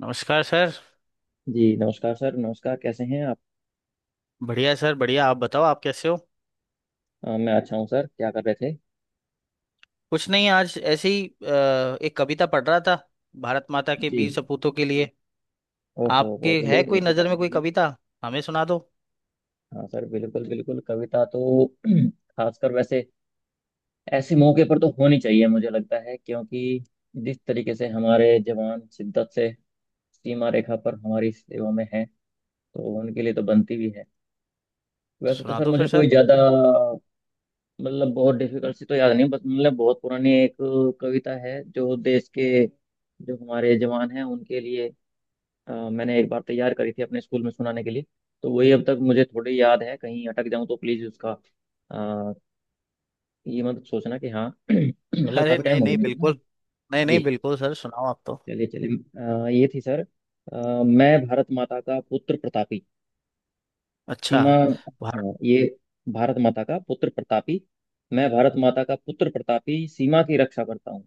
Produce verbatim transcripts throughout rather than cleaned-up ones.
नमस्कार सर। जी नमस्कार सर। नमस्कार, कैसे हैं आप? बढ़िया सर बढ़िया, आप बताओ आप कैसे हो? अ, मैं अच्छा हूँ सर। क्या कर रहे थे? कुछ नहीं, आज ऐसे ही अ, एक कविता पढ़ रहा था, भारत माता के जी। वीर सपूतों के लिए। ओहो, आपके बहुत बढ़िया, है कोई बहुत बढ़िया, नज़र में बहुत कोई बढ़िया। कविता? हमें सुना दो। हाँ सर, बिल्कुल बिल्कुल, कविता तो खासकर वैसे ऐसे मौके पर तो होनी चाहिए, मुझे लगता है क्योंकि जिस तरीके से हमारे जवान शिद्दत से सीमा रेखा पर हमारी सेवा में हैं, तो उनके लिए तो बनती भी है। तो वैसे तो सुना सर दो फिर मुझे सर। कोई ज़्यादा मतलब बहुत डिफिकल्ट सी तो याद नहीं, बस मतलब बहुत पुरानी एक कविता है, जो देश के, जो हमारे जवान हैं उनके लिए। अ, मैंने एक बार तैयार करी थी अपने स्कूल में सुनाने के लिए, तो वही अब तक मुझे थोड़ी याद है, कहीं अटक जाऊं तो प्लीज उसका अ, ये मत सोचना कि हाँ मतलब अरे काफी टाइम नहीं हो गया नहीं मेरे को ना। बिल्कुल, नहीं नहीं जी। बिल्कुल सर, सुनाओ आप तो। चलिए चलिए। अ, ये थी सर। अ, मैं भारत माता का पुत्र प्रतापी, अच्छा। सीमा, भारत। हाँ ये भारत माता का पुत्र प्रतापी, मैं भारत माता का पुत्र प्रतापी सीमा की रक्षा करता हूँ।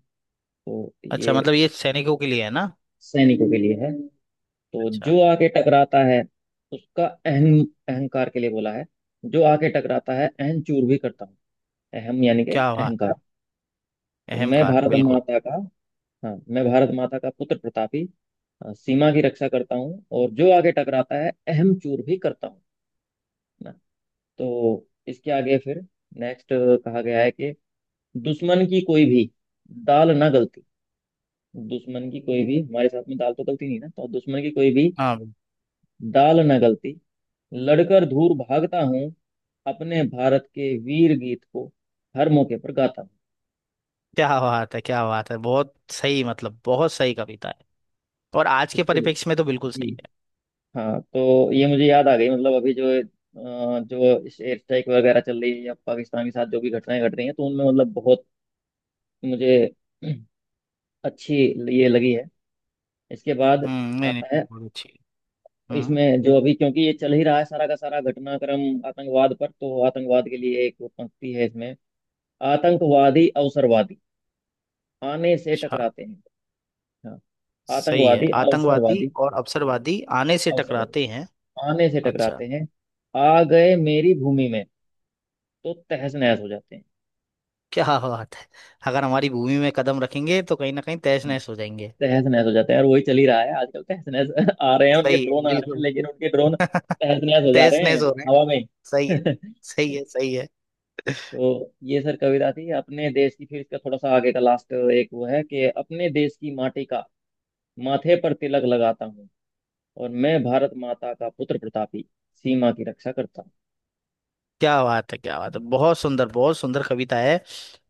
तो अच्छा, ये मतलब ये सैनिकों के लिए है ना। सैनिकों के लिए है। तो अच्छा। जो आके टकराता है उसका अहम, अहंकार के लिए बोला है। जो आके टकराता है अहम चूर भी करता हूँ, अहम यानी कि क्या बात। अहंकार। तो अहम मैं कार भारत बिल्कुल। माता का, हाँ, मैं भारत माता का पुत्र प्रतापी, अ, सीमा की रक्षा करता हूँ, और जो आगे टकराता है अहम चूर भी करता हूँ ना। तो इसके आगे फिर नेक्स्ट कहा गया है कि, दुश्मन की कोई भी दाल ना गलती, दुश्मन की कोई भी हमारे साथ में दाल तो गलती नहीं ना, तो दुश्मन की कोई भी हाँ बिल्कुल। दाल ना गलती, लड़कर दूर भागता हूँ, अपने भारत के वीर गीत को हर मौके पर गाता हूँ। क्या बात है, क्या बात है, बहुत सही, मतलब बहुत सही कविता है। और आज के इसके लिए परिप्रेक्ष्य में तो बिल्कुल जी सही है। हाँ। तो ये मुझे याद आ गई, मतलब अभी जो अ, जो एयर स्ट्राइक वगैरह चल रही है या पाकिस्तान के साथ जो भी घटनाएं घट रही हैं, तो उनमें मतलब बहुत मुझे अच्छी ये लगी है। इसके बाद हम्म, नहीं नहीं आता है, बहुत अच्छी है। हम्म। इसमें जो अभी, क्योंकि ये चल ही रहा है सारा का सारा घटनाक्रम आतंकवाद पर, तो आतंकवाद के लिए एक पंक्ति है इसमें। आतंकवादी अवसरवादी आने से अच्छा। टकराते हैं। हाँ। सही है, आतंकवादी आतंकवादी अवसरवादी, और अवसरवादी आने से अवसरवादी टकराते हैं। आने से अच्छा। टकराते हैं, आ गए मेरी भूमि में, तो तहस नहस हो जाते हैं। क्या बात है। अगर हमारी भूमि में कदम रखेंगे तो कहीं ना कहीं तहस हम्म। नहस हो जाएंगे। तहस नहस हो जाते हैं, और वही चल ही रहा है आजकल, तहस नहस आ रहे हैं उनके सही है ड्रोन, आ रहे हैं बिल्कुल, लेकिन उनके ड्रोन तहस नहस हो जा तहस रहे हैं नहस हो रहे हैं। हवा में। सही है। सही है सही है। तो ये सर कविता थी अपने देश की, फिर इसका थोड़ा सा आगे का लास्ट एक वो है कि, अपने देश की माटी का माथे पर तिलक लगाता हूँ, और मैं भारत माता का पुत्र प्रतापी सीमा की रक्षा करता हूँ। क्या बात है, क्या बात है, बहुत सुंदर बहुत सुंदर कविता है।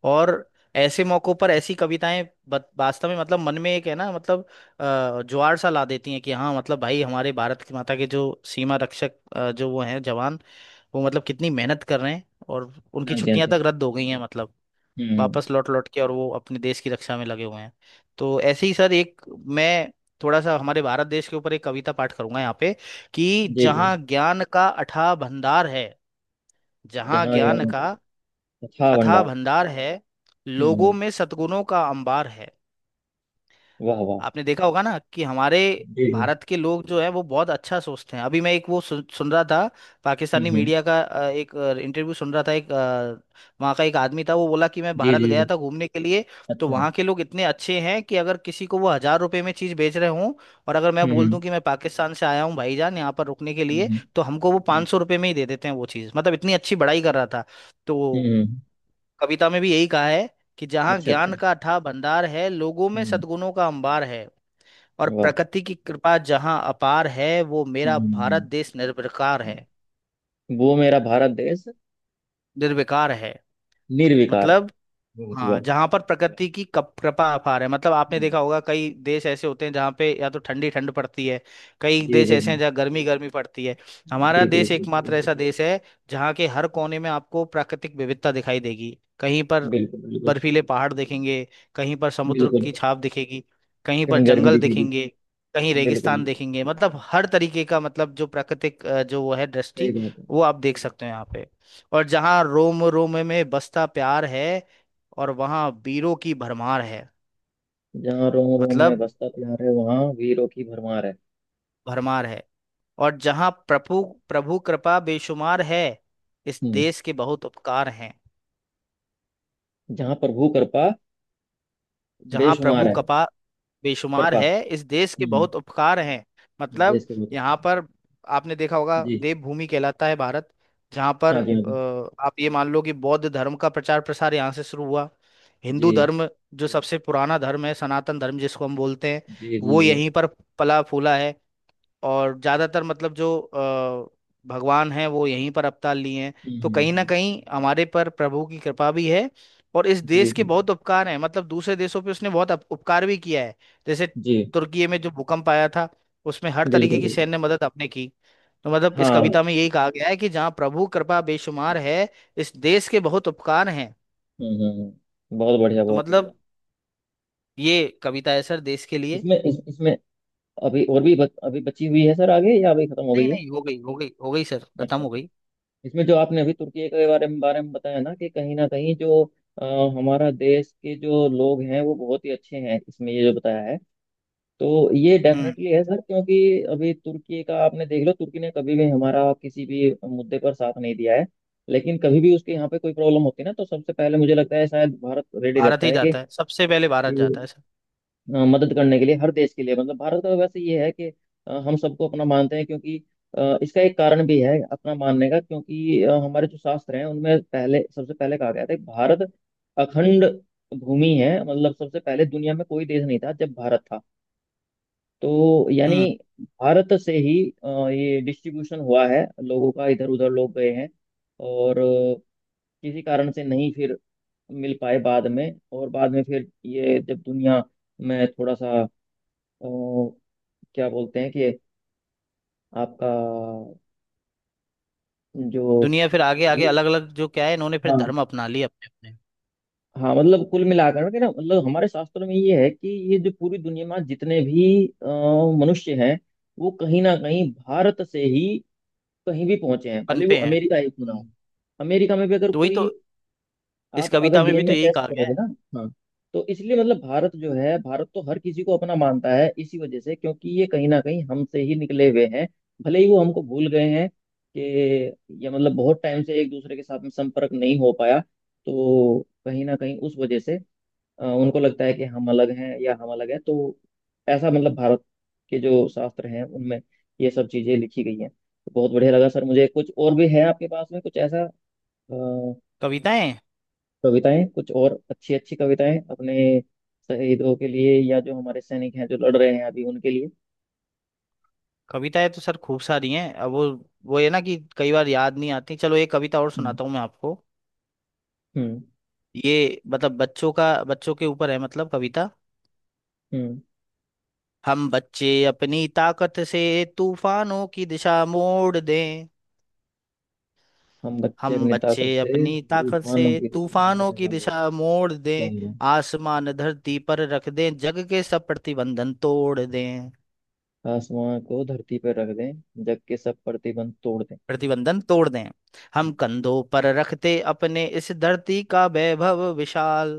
और ऐसे मौकों पर ऐसी कविताएं बत- वास्तव में मतलब मन में एक है ना, मतलब अ, ज्वार सा ला देती हैं कि हाँ, मतलब भाई हमारे भारत की माता के जो सीमा रक्षक अ, जो वो हैं जवान, वो मतलब कितनी मेहनत कर रहे हैं और उनकी हाँ जी, हाँ छुट्टियां जी। तक रद्द हो गई हैं। मतलब हम्म। वापस लौट लौट के और वो अपने देश की रक्षा में लगे हुए हैं। तो ऐसे ही सर एक, मैं थोड़ा सा हमारे भारत देश के ऊपर एक कविता पाठ करूंगा यहाँ पे। कि जी जी। जहाँ ज्ञान का अथाह भंडार है, जहाँ जहाँ ज्ञान ज्ञान का का कथा अथाह भंडार। भंडार है, हम्म लोगों हम्म। में सद्गुणों का अंबार है। वाह वाह। आपने देखा होगा ना कि हमारे जी जी। भारत के लोग जो है वो बहुत अच्छा सोचते हैं। अभी मैं एक वो सुन, सुन रहा था, हम्म पाकिस्तानी हम्म। मीडिया का अ, एक इंटरव्यू सुन रहा था। एक अ, वहाँ का एक आदमी था, वो बोला कि मैं जी भारत जी गया जी। था घूमने के लिए। तो अच्छा। वहाँ के लोग इतने अच्छे हैं कि अगर किसी को वो हजार रुपए में चीज़ बेच रहे हों और अगर मैं हम्म बोल हम्म, दूं कि मैं पाकिस्तान से आया हूँ भाईजान, यहाँ पर रुकने के लिए, हम्म तो हमको वो हम्म, पाँच सौ रुपये में ही दे देते हैं वो चीज़। मतलब इतनी अच्छी बड़ाई कर रहा था। हम्म, तो हम्म, हम्म। कविता में भी यही कहा है कि जहाँ अच्छा अच्छा। ज्ञान का अथाह भंडार है, लोगों में हम्म। सद्गुणों का अंबार है और वाह। प्रकृति की कृपा जहाँ अपार है, वो मेरा हम्म भारत हम्म, देश निर्विकार है। हम्म। वो मेरा भारत देश निर्विकार है निर्विकार है। मतलब, वाह जी हाँ वाह। जहाँ पर प्रकृति की कप कृपा अपार है। मतलब आपने हम्म, देखा होगा, कई देश ऐसे होते हैं जहाँ पे या तो ठंडी ठंड पड़ती है, कई जी देश जी ऐसे हैं जहाँ गर्मी गर्मी पड़ती है। हमारा जी जी। देश जी एकमात्र ऐसा जी, देश है जहाँ के हर कोने में आपको प्राकृतिक विविधता दिखाई देगी। कहीं पर बिल्कुल बिल्कुल बर्फीले पहाड़ दिखेंगे, कहीं पर समुद्र बिल्कुल। की बिल्कुल। छाप दिखेगी, कहीं पर कहीं गर्मी जंगल दिखेगी। दिखेंगे, कहीं बिल्कुल, रेगिस्तान देखेंगे। मतलब हर तरीके का, मतलब जो प्राकृतिक अ, जो वो है सही दृष्टि, बात है। वो आप देख सकते हो यहाँ पे। और जहाँ रोम रोम में बसता प्यार है और वहाँ वीरों की भरमार है। जहाँ रोम रोम में मतलब बसता प्यार है वहाँ वीरों की भरमार है। भरमार है। और जहाँ प्रभु प्रभु कृपा बेशुमार है, इस हम्म। देश के बहुत उपकार हैं। जहाँ प्रभु कृपा जहाँ बेशुमार प्रभु है। कृपा बेशुमार कृपा। है, इस देश के हम्म। बहुत उपकार हैं। मतलब देश के बहुत। यहाँ पर आपने देखा होगा, जी। देवभूमि कहलाता है भारत। जहाँ पर हाँ जी, हाँ जी। अ, आप ये मान लो कि बौद्ध धर्म का प्रचार प्रसार यहाँ से शुरू हुआ। जी हिंदू धर्म जो सबसे पुराना धर्म है, सनातन धर्म जिसको हम बोलते हैं, जी जी। वो जी। यहीं पर पला फूला है। और ज़्यादातर मतलब जो अ, भगवान हैं वो यहीं पर अवतार लिए हैं। हम्म तो हम्म, कहीं ना हम्म, कहीं हमारे पर प्रभु की कृपा भी है और इस जी देश के बिल्कुल। बहुत उपकार हैं। मतलब दूसरे देशों पे उसने बहुत अप- उपकार भी किया है। जैसे जी तुर्की में जो भूकंप आया था, उसमें हर तरीके बिल्कुल की बिल्कुल। सैन्य मदद आपने की। तो मतलब इस हाँ हम्म। कविता में यही कहा गया है कि जहाँ प्रभु कृपा बेशुमार है, इस देश के बहुत उपकार हैं। हम्म हम्म, बहुत बढ़िया तो बहुत बढ़िया। मतलब ये कविता है सर देश के लिए। इसमें इस, इसमें अभी और भी बच, अभी बची हुई है सर, आगे, या अभी खत्म हो नहीं गई है? नहीं हो गई, हो गई हो गई सर, खत्म अच्छा हो अच्छा। गई। इसमें जो आपने अभी तुर्की के बारे में बारे में बताया ना कि, कहीं ना कहीं जो अ, हमारा देश के जो लोग हैं वो बहुत ही अच्छे हैं, इसमें ये जो बताया है, तो ये हम्म। डेफिनेटली है सर, क्योंकि अभी तुर्की का आपने देख लो, तुर्की ने कभी भी हमारा किसी भी मुद्दे पर साथ नहीं दिया है, लेकिन कभी भी उसके यहाँ पे कोई प्रॉब्लम होती है ना, तो सबसे पहले मुझे लगता है शायद भारत रेडी भारत रहता ही है कि, जाता है, सबसे पहले भारत जाता कि, है सर। अ, मदद करने के लिए, हर देश के लिए। मतलब भारत का वैसे ये है कि अ, हम सबको अपना मानते हैं, क्योंकि अ, इसका एक कारण भी है अपना मानने का, क्योंकि अ, हमारे जो शास्त्र हैं उनमें पहले, सबसे पहले कहा गया था कि भारत अखंड भूमि है, मतलब सबसे पहले दुनिया में कोई देश नहीं था जब भारत था, तो यानी हम्म। भारत से ही अ, ये डिस्ट्रीब्यूशन हुआ है लोगों का, इधर उधर लोग गए हैं, और अ, किसी कारण से नहीं फिर मिल पाए बाद में, और बाद में फिर ये जब दुनिया में थोड़ा सा अ, क्या बोलते हैं कि आपका जो, दुनिया फिर आगे आगे अलग अलग जो क्या है, इन्होंने फिर हाँ। धर्म अपना लिए अपने अपने हाँ, मतलब कुल मिलाकर के ना, मतलब हमारे शास्त्रों में ये है कि ये जो पूरी दुनिया में जितने भी अ, मनुष्य हैं, वो कहीं ना कहीं भारत से ही कहीं भी पहुंचे हैं, पन भले वो पे हैं। अमेरिका ही क्यों ना हो। हम्म, अमेरिका में भी अगर तो वही कोई, तो, इस आप अगर कविता में भी डी एन ए तो यही टेस्ट कहा गया करोगे है। ना। हाँ। तो इसलिए मतलब भारत जो है, भारत तो हर किसी को अपना मानता है इसी वजह से, क्योंकि ये कहीं ना कहीं हमसे ही निकले हुए हैं, भले ही वो हमको भूल गए हैं कि ये, मतलब बहुत टाइम से एक दूसरे के साथ में संपर्क नहीं हो पाया, तो कहीं ना कहीं उस वजह से अ, उनको लगता है कि हम अलग हैं, या हम अलग हैं, तो ऐसा, मतलब भारत के जो शास्त्र हैं उनमें ये सब चीजें लिखी गई हैं। तो बहुत बढ़िया लगा सर मुझे। कुछ और भी है आपके पास में, कुछ ऐसा? कविताएं, कविताएं? कुछ और अच्छी अच्छी कविताएं, अपने शहीदों के लिए या जो हमारे सैनिक हैं जो लड़ रहे हैं अभी उनके लिए। कविताएं तो सर खूब सारी हैं। अब वो वो है ना कि कई बार याद नहीं आती। चलो एक कविता और हम्म। सुनाता हूँ मैं आपको। हम्म। ये मतलब बच्चों का, बच्चों के ऊपर है मतलब कविता। हम्म। हम बच्चे अपनी ताकत से तूफानों की दिशा मोड़ दें, हम बच्चे हम अपनी बच्चे ताकत से अपनी ताकत से तूफानों की दिशा में तूफानों बने, की वाह दिशा वाह। मोड़ दें, वाह, आसमान धरती पर रख दें, जग के सब प्रतिबंधन तोड़ दें, वाह। आसमां को धरती पर रख दें, जग के सब प्रतिबंध तोड़ दें। प्रतिबंधन तोड़ दें। हम कंधों पर रखते अपने इस धरती का वैभव विशाल,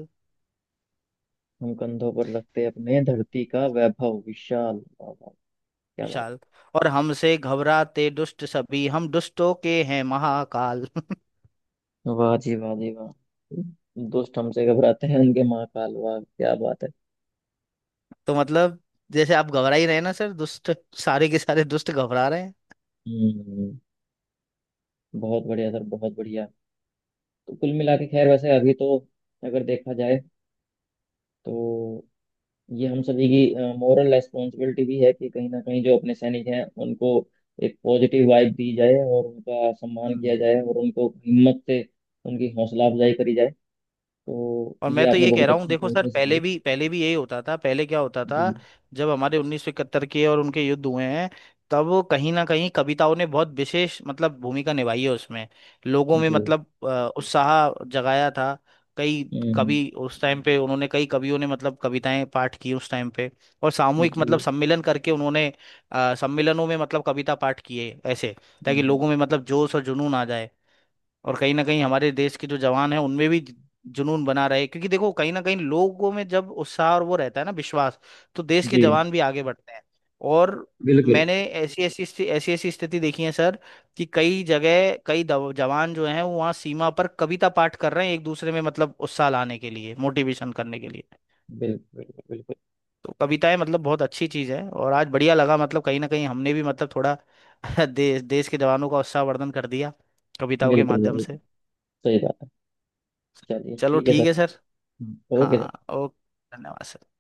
हम कंधों पर रखते अपने धरती का वैभव विशाल, वाह वाह, क्या बात! विशाल। और हमसे घबराते दुष्ट सभी, हम दुष्टों के हैं महाकाल। वाह जी, वाह जी, वाह। दुष्ट हमसे घबराते हैं उनके महाकाल, वाह, क्या बात है। तो मतलब जैसे आप घबरा ही रहे हैं ना सर, दुष्ट, सारे के सारे दुष्ट घबरा रहे हैं। हम्म। बहुत बढ़िया सर, बहुत बढ़िया। तो कुल मिला के, खैर वैसे अभी तो, अगर देखा जाए, तो ये हम सभी की मॉरल रेस्पॉन्सिबिलिटी भी है कि कहीं ना कहीं जो अपने सैनिक हैं उनको एक पॉजिटिव वाइब दी जाए, और उनका सम्मान किया हम्म। जाए, और उनको हिम्मत से उनकी हौसला अफजाई करी जाए। तो और ये मैं तो आपने ये कह बहुत रहा हूँ, अच्छी देखो सर, कविता पहले सुनाई। भी पहले भी यही होता था। पहले क्या होता जी था, जब हमारे उन्नीस सौ इकहत्तर के और उनके युद्ध हुए हैं, तब वो कहीं ना कहीं कविताओं ने बहुत विशेष मतलब भूमिका निभाई है उसमें। लोगों में जी। मतलब अ, उत्साह जगाया था। कई हम्म। कवि उस टाइम पे, उन्होंने कई कवियों ने मतलब कविताएं पाठ की उस टाइम पे और सामूहिक जी। मतलब सम्मेलन करके उन्होंने अ, सम्मेलनों में मतलब कविता पाठ किए ऐसे, ताकि हम्म, लोगों में मतलब जोश और जुनून आ जाए। और कहीं ना कहीं हमारे देश के जो जवान हैं उनमें भी ज- जुनून बना रहे, क्योंकि देखो कहीं ना कहीं लोगों में जब उत्साह और वो रहता है ना, विश्वास, तो देश के जी, जवान भी आगे बढ़ते हैं। और बिल्कुल मैंने ऐसी ऐसी स्थि- ऐसी ऐसी स्थिति देखी है सर, कि कई जगह कई दव- जवान जो हैं वो वहाँ सीमा पर कविता पाठ कर रहे हैं, एक दूसरे में मतलब उत्साह लाने के लिए, मोटिवेशन करने के लिए। बिल्कुल बिल्कुल। बिल्कुल तो कविताएं मतलब बहुत अच्छी चीज़ है। और आज बढ़िया लगा, मतलब कहीं ना कहीं हमने भी मतलब थोड़ा देश देश के जवानों का उत्साहवर्धन कर दिया कविताओं के बिल्कुल, माध्यम जरूर। से। सही बात है। चलिए चलो ठीक है सर। ठीक है सर। हम्म, ओके हाँ सर। ओके, धन्यवाद सर।